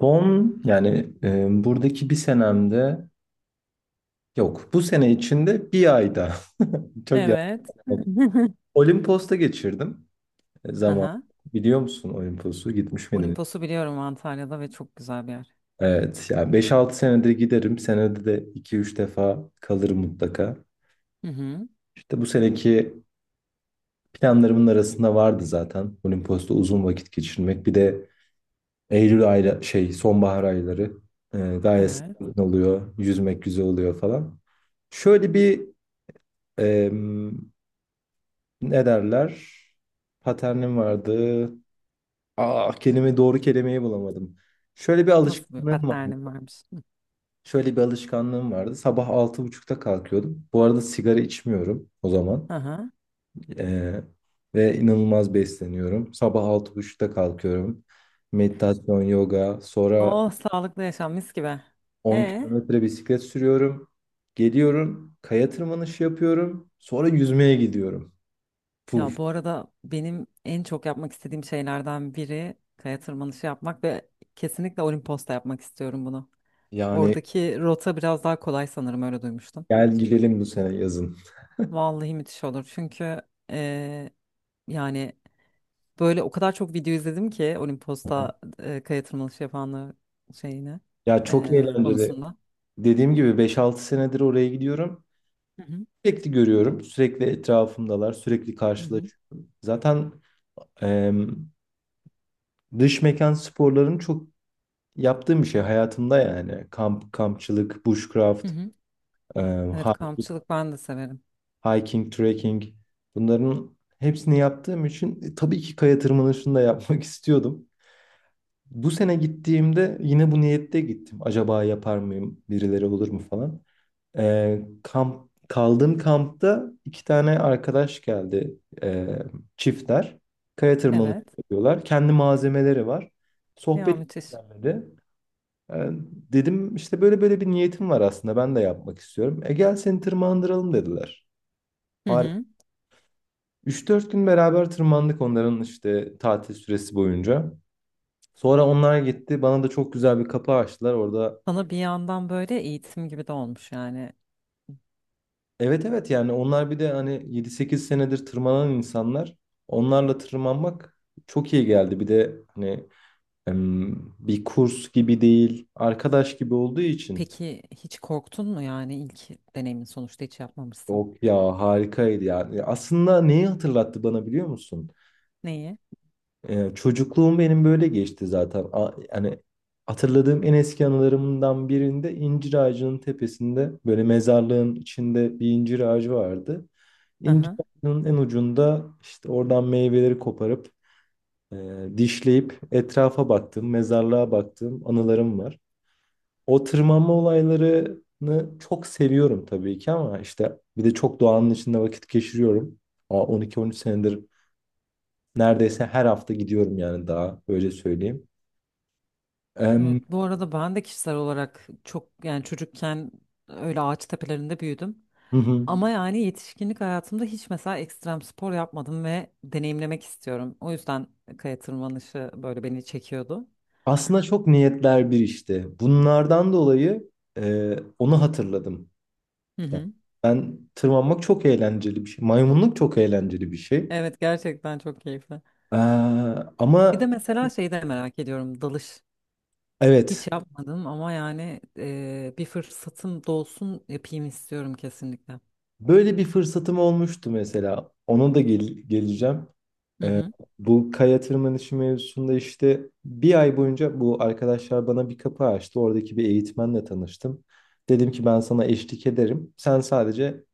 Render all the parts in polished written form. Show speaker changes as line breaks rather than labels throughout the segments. Son yani buradaki bir senemde yok. Bu sene içinde bir ayda çok yapmadım.
Evet.
Olimpos'ta geçirdim zaman.
Aha.
Biliyor musun Olimpos'u? Gitmiş miydin?
Olimpos'u biliyorum Antalya'da ve çok güzel bir yer.
Evet. Yani 5-6 senedir giderim. Senede de 2-3 defa kalırım mutlaka.
Hı hı.
İşte bu seneki planlarımın arasında vardı zaten. Olimpos'ta uzun vakit geçirmek. Bir de Eylül ayla sonbahar ayları e, gayet
Evet.
sakin oluyor. Yüzmek güzel oluyor falan. Şöyle bir, ne derler? Paternim vardı. Doğru kelimeyi bulamadım. Şöyle bir
Nasıl bir
alışkanlığım vardı.
paternim varmış.
Şöyle bir alışkanlığım vardı. Sabah 6.30'da kalkıyordum. Bu arada sigara içmiyorum o zaman.
Aha.
Ee, ve inanılmaz besleniyorum. Sabah altı buçukta kalkıyorum. Meditasyon, yoga. Sonra
Oh, sağlıklı yaşam mis gibi.
on
E
kilometre bisiklet sürüyorum. Geliyorum. Kaya tırmanışı yapıyorum. Sonra yüzmeye gidiyorum.
Ya,
Puf.
bu arada benim en çok yapmak istediğim şeylerden biri kaya tırmanışı yapmak ve kesinlikle Olimpos'ta yapmak istiyorum bunu.
Yani
Oradaki rota biraz daha kolay sanırım, öyle duymuştum.
gel gidelim bu sene yazın.
Vallahi müthiş olur çünkü e, yani, böyle o kadar çok video izledim ki Olimpos'ta kaya tırmanışı yapanlar şeyini
Ya çok eğlenceli.
konusunda.
Dediğim gibi 5-6 senedir oraya gidiyorum.
Hı hı,
Sürekli görüyorum. Sürekli etrafımdalar. Sürekli
hı hı,
karşılaşıyorum. Zaten em, dış mekan sporlarını çok yaptığım bir şey hayatımda yani. Kamp, kampçılık,
hı
bushcraft,
hı.
em,
Evet,
hiking,
kampçılık ben de severim.
hiking, trekking. Bunların hepsini yaptığım için tabii ki kaya tırmanışını da yapmak istiyordum. Bu sene gittiğimde yine bu niyette gittim. Acaba yapar mıyım? Birileri olur mu falan. Kamp kaldığım kampta iki tane arkadaş geldi çiftler. Kaya tırmanışı
Evet.
yapıyorlar. Kendi malzemeleri var.
Ya,
Sohbet
müthiş.
istenmedi. Ee, dedim işte böyle böyle bir niyetim var aslında ben de yapmak istiyorum. Gel seni tırmandıralım dediler.
Hı
Harika.
hı.
3-4 gün beraber tırmandık onların işte tatil süresi boyunca. Sonra onlar gitti. Bana da çok güzel bir kapı açtılar. Orada.
Sana bir yandan böyle eğitim gibi de olmuş yani.
Evet, evet, yani onlar bir de hani 7-8 senedir tırmanan insanlar. Onlarla tırmanmak çok iyi geldi. Bir de hani bir kurs gibi değil, arkadaş gibi olduğu için.
Peki, hiç korktun mu? Yani ilk deneyimin, sonuçta hiç yapmamışsın.
Yok ya harikaydı yani. Aslında neyi hatırlattı bana biliyor musun?
Neyi?
Çocukluğum benim böyle geçti zaten. Yani hatırladığım en eski anılarımdan birinde incir ağacının tepesinde böyle mezarlığın içinde bir incir ağacı vardı.
Hı
İncir
hı.
ağacının en ucunda işte oradan meyveleri koparıp e, dişleyip etrafa baktığım, mezarlığa baktığım anılarım var. O tırmanma olaylarını çok seviyorum tabii ki ama işte bir de çok doğanın içinde vakit geçiriyorum. 12-13 senedir neredeyse her hafta gidiyorum yani daha öyle söyleyeyim.
Evet,
Em,
bu arada ben de kişisel olarak çok yani çocukken öyle ağaç tepelerinde büyüdüm.
hı hı.
Ama yani yetişkinlik hayatımda hiç mesela ekstrem spor yapmadım ve deneyimlemek istiyorum. O yüzden kaya tırmanışı böyle beni çekiyordu.
Aslında çok niyetler bir işte. Bunlardan dolayı onu hatırladım.
Hı
Yani
hı.
ben tırmanmak çok eğlenceli bir şey. Maymunluk çok eğlenceli bir şey.
Evet, gerçekten çok keyifli.
Ee,
Bir
ama
de mesela şeyi de merak ediyorum, dalış. Hiç
evet
yapmadım ama yani bir fırsatım dolsun yapayım istiyorum kesinlikle.
böyle bir fırsatım olmuştu mesela. Ona da geleceğim.
Hı
Ee,
hı.
bu kaya tırmanışı mevzusunda işte bir ay boyunca bu arkadaşlar bana bir kapı açtı. Oradaki bir eğitmenle tanıştım. Dedim ki ben sana eşlik ederim. Sen sadece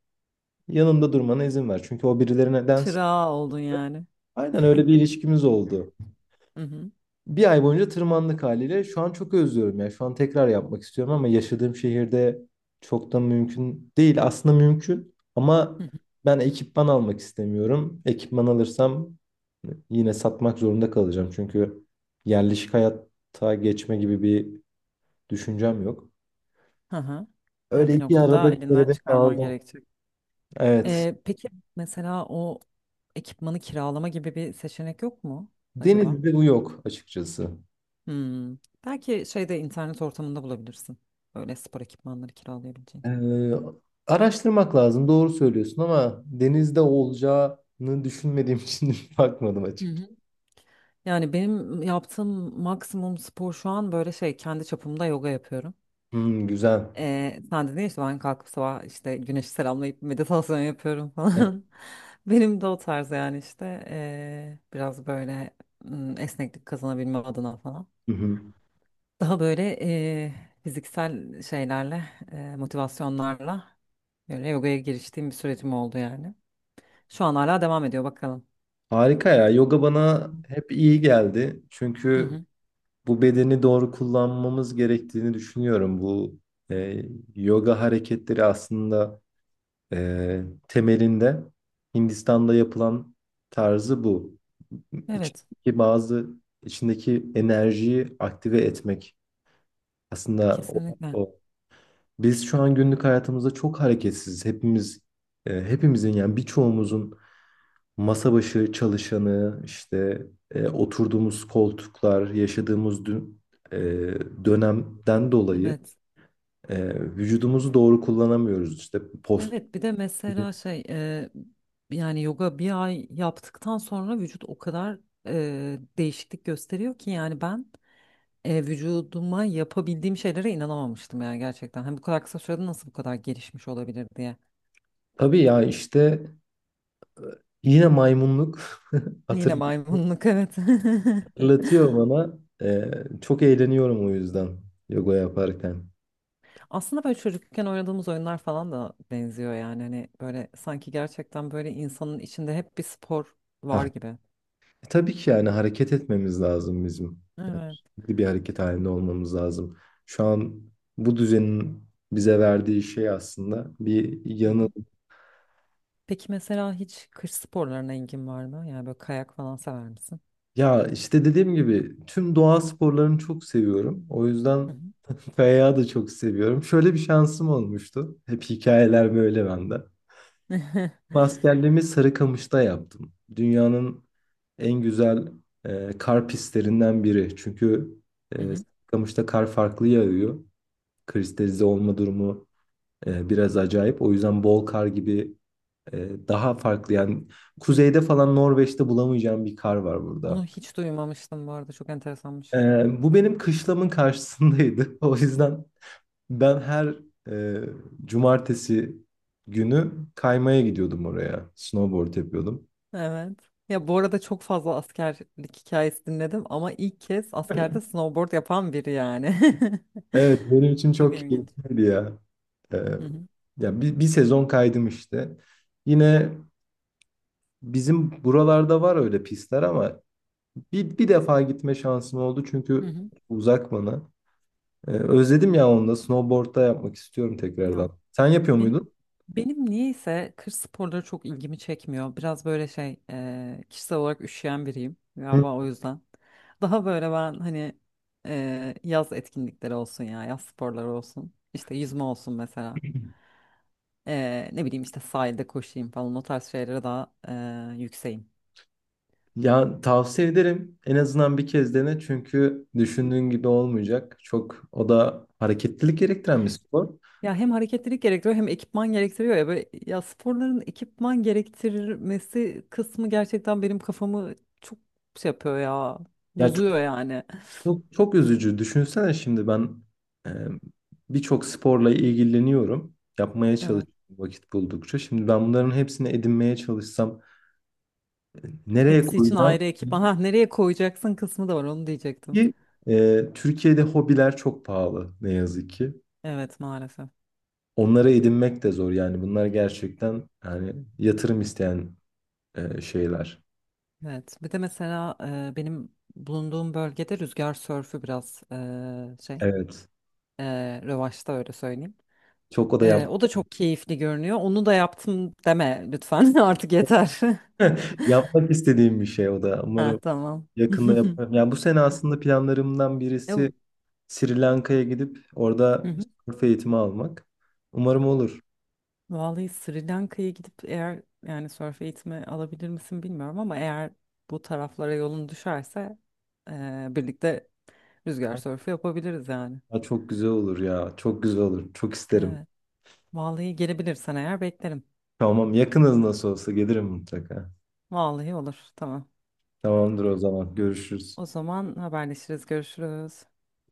yanımda durmana izin ver. Çünkü o birilerine dens.
Çırağı oldun yani.
Aynen öyle bir ilişkimiz oldu.
Hı hı.
Bir ay boyunca tırmandık haliyle. Şu an çok özlüyorum ya. Şu an tekrar yapmak istiyorum ama yaşadığım şehirde çok da mümkün değil. Aslında mümkün ama
Hı hı.
ben ekipman almak istemiyorum. Ekipman alırsam yine satmak zorunda kalacağım. Çünkü yerleşik hayata geçme gibi bir düşüncem yok.
Hı hı. Yani
Öyle
bir
iki arada
noktada
bir
elinden
derede
çıkarman
kaldım.
gerekecek.
Evet.
Peki mesela o ekipmanı kiralama gibi bir seçenek yok mu acaba?
Denizde bu yok açıkçası.
Hmm. Belki şeyde, internet ortamında bulabilirsin. Öyle spor ekipmanları kiralayabileceğin.
Ee, araştırmak lazım. Doğru söylüyorsun ama denizde olacağını düşünmediğim için bakmadım
Hı
açık.
hı. Yani benim yaptığım maksimum spor şu an böyle şey, kendi çapımda yoga yapıyorum.
Hmm, güzel.
Sen dedin ya işte, ben kalkıp sabah işte güneşi selamlayıp meditasyon yapıyorum
Evet.
falan. Benim de o tarz yani işte biraz böyle hmm, esneklik kazanabilmem adına falan.
Hı hı.
Daha böyle fiziksel şeylerle, motivasyonlarla böyle yogaya giriştiğim bir sürecim oldu yani. Şu an hala devam ediyor, bakalım.
Harika ya. Yoga bana hep iyi geldi.
Hı
Çünkü
hı.
bu bedeni doğru kullanmamız gerektiğini düşünüyorum. Bu e, yoga hareketleri aslında temelinde Hindistan'da yapılan tarzı bu.
Evet,
İçindeki bazı içindeki enerjiyi aktive etmek aslında o,
kesinlikle.
o Biz şu an günlük hayatımızda çok hareketsiz. Hepimizin yani birçoğumuzun masa başı çalışanı, işte oturduğumuz koltuklar, yaşadığımız e, dönemden dolayı
Evet.
vücudumuzu doğru kullanamıyoruz. İşte post.
Evet, bir de mesela şey yani yoga bir ay yaptıktan sonra vücut o kadar değişiklik gösteriyor ki yani ben vücuduma yapabildiğim şeylere inanamamıştım yani gerçekten. Hani bu kadar kısa sürede nasıl bu kadar gelişmiş olabilir diye.
Tabii ya işte yine maymunluk
Yine maymunluk, evet.
hatırlatıyor bana. E, çok eğleniyorum o yüzden yoga yaparken.
Aslında böyle çocukken oynadığımız oyunlar falan da benziyor yani, hani böyle sanki gerçekten böyle insanın içinde hep bir spor var gibi.
Tabii ki yani hareket etmemiz lazım bizim. Yani
Evet.
sürekli bir hareket halinde olmamız lazım. Şu an bu düzenin bize verdiği şey aslında bir
Hı
yanı.
hı. Peki mesela hiç kış sporlarına ilgin var mı? Yani böyle kayak falan sever misin?
Ya işte dediğim gibi tüm doğa sporlarını çok seviyorum. O
Hı hı.
yüzden kayağı da çok seviyorum. Şöyle bir şansım olmuştu. Hep hikayeler böyle bende. Askerliğimi Sarıkamış'ta yaptım. Dünyanın en güzel kar pistlerinden biri. Çünkü
Hı hı.
Sarıkamış'ta kar farklı yağıyor. Kristalize olma durumu biraz acayip. O yüzden bol kar gibi daha farklı yani kuzeyde falan Norveç'te bulamayacağım bir kar var
Bunu
burada.
hiç duymamıştım bu arada, çok
E,
enteresanmış.
bu benim kışlamın karşısındaydı. O yüzden ben her e, cumartesi günü kaymaya gidiyordum oraya. Snowboard yapıyordum.
Evet. Ya bu arada çok fazla askerlik hikayesi dinledim ama ilk kez askerde snowboard yapan biri yani.
Evet benim için
Çok
çok
ilginç.
keyifliydi ya. E,
Hı hı.
ya bir sezon kaydım işte. Yine bizim buralarda var öyle pistler ama bir defa gitme şansım oldu
Hı
çünkü
hı.
uzak bana. Özledim ya onu da snowboard'da yapmak istiyorum
Ya,
tekrardan. Sen yapıyor muydun?
Benim benim niyeyse kış sporları çok ilgimi çekmiyor. Biraz böyle şey, kişisel olarak üşüyen biriyim
Hı.
galiba o yüzden. Daha böyle ben hani yaz etkinlikleri olsun ya yaz sporları olsun. İşte yüzme olsun mesela. E, ne bileyim işte sahilde koşayım falan, o tarz şeylere daha yükseğim.
Ya tavsiye ederim. En azından bir kez dene çünkü
Hı hı.
düşündüğün gibi olmayacak. Çok o da hareketlilik gerektiren bir spor.
Ya hem hareketlilik gerektiriyor hem ekipman gerektiriyor ya, böyle ya sporların ekipman gerektirmesi kısmı gerçekten benim kafamı çok şey yapıyor ya,
Ya çok
bozuyor yani.
çok üzücü. Düşünsene şimdi ben e, birçok sporla ilgileniyorum. Yapmaya çalışıyorum vakit buldukça. Şimdi ben bunların hepsini edinmeye çalışsam nereye
Hepsi için
koyacağım?
ayrı ekipman. Ha, nereye koyacaksın kısmı da var, onu diyecektim.
Ki Türkiye'de hobiler çok pahalı ne yazık ki.
Evet, maalesef.
Onlara edinmek de zor yani bunlar gerçekten yani yatırım isteyen şeyler.
Evet. Bir de mesela benim bulunduğum bölgede rüzgar sörfü biraz şey,
Evet.
revaçta, öyle söyleyeyim.
Çok o da
E, o da çok keyifli görünüyor. Onu da yaptım deme lütfen. Artık yeter.
yapmak istediğim bir şey o da.
Ha
Umarım
tamam.
yakında yaparım. Yani bu sene aslında planlarımdan
Ya, hı
birisi Sri Lanka'ya gidip orada
hı.
surf eğitimi almak. Umarım olur.
Vallahi Sri Lanka'ya gidip eğer yani sörf eğitimi alabilir misin bilmiyorum ama eğer bu taraflara yolun düşerse birlikte rüzgar sörfü yapabiliriz yani.
Ya çok güzel olur ya. Çok güzel olur. Çok isterim.
Evet. Vallahi gelebilirsen eğer beklerim.
Tamam, yakınız nasıl olsa gelirim mutlaka.
Vallahi olur. Tamam.
Tamamdır o zaman. Görüşürüz.
O zaman haberleşiriz. Görüşürüz.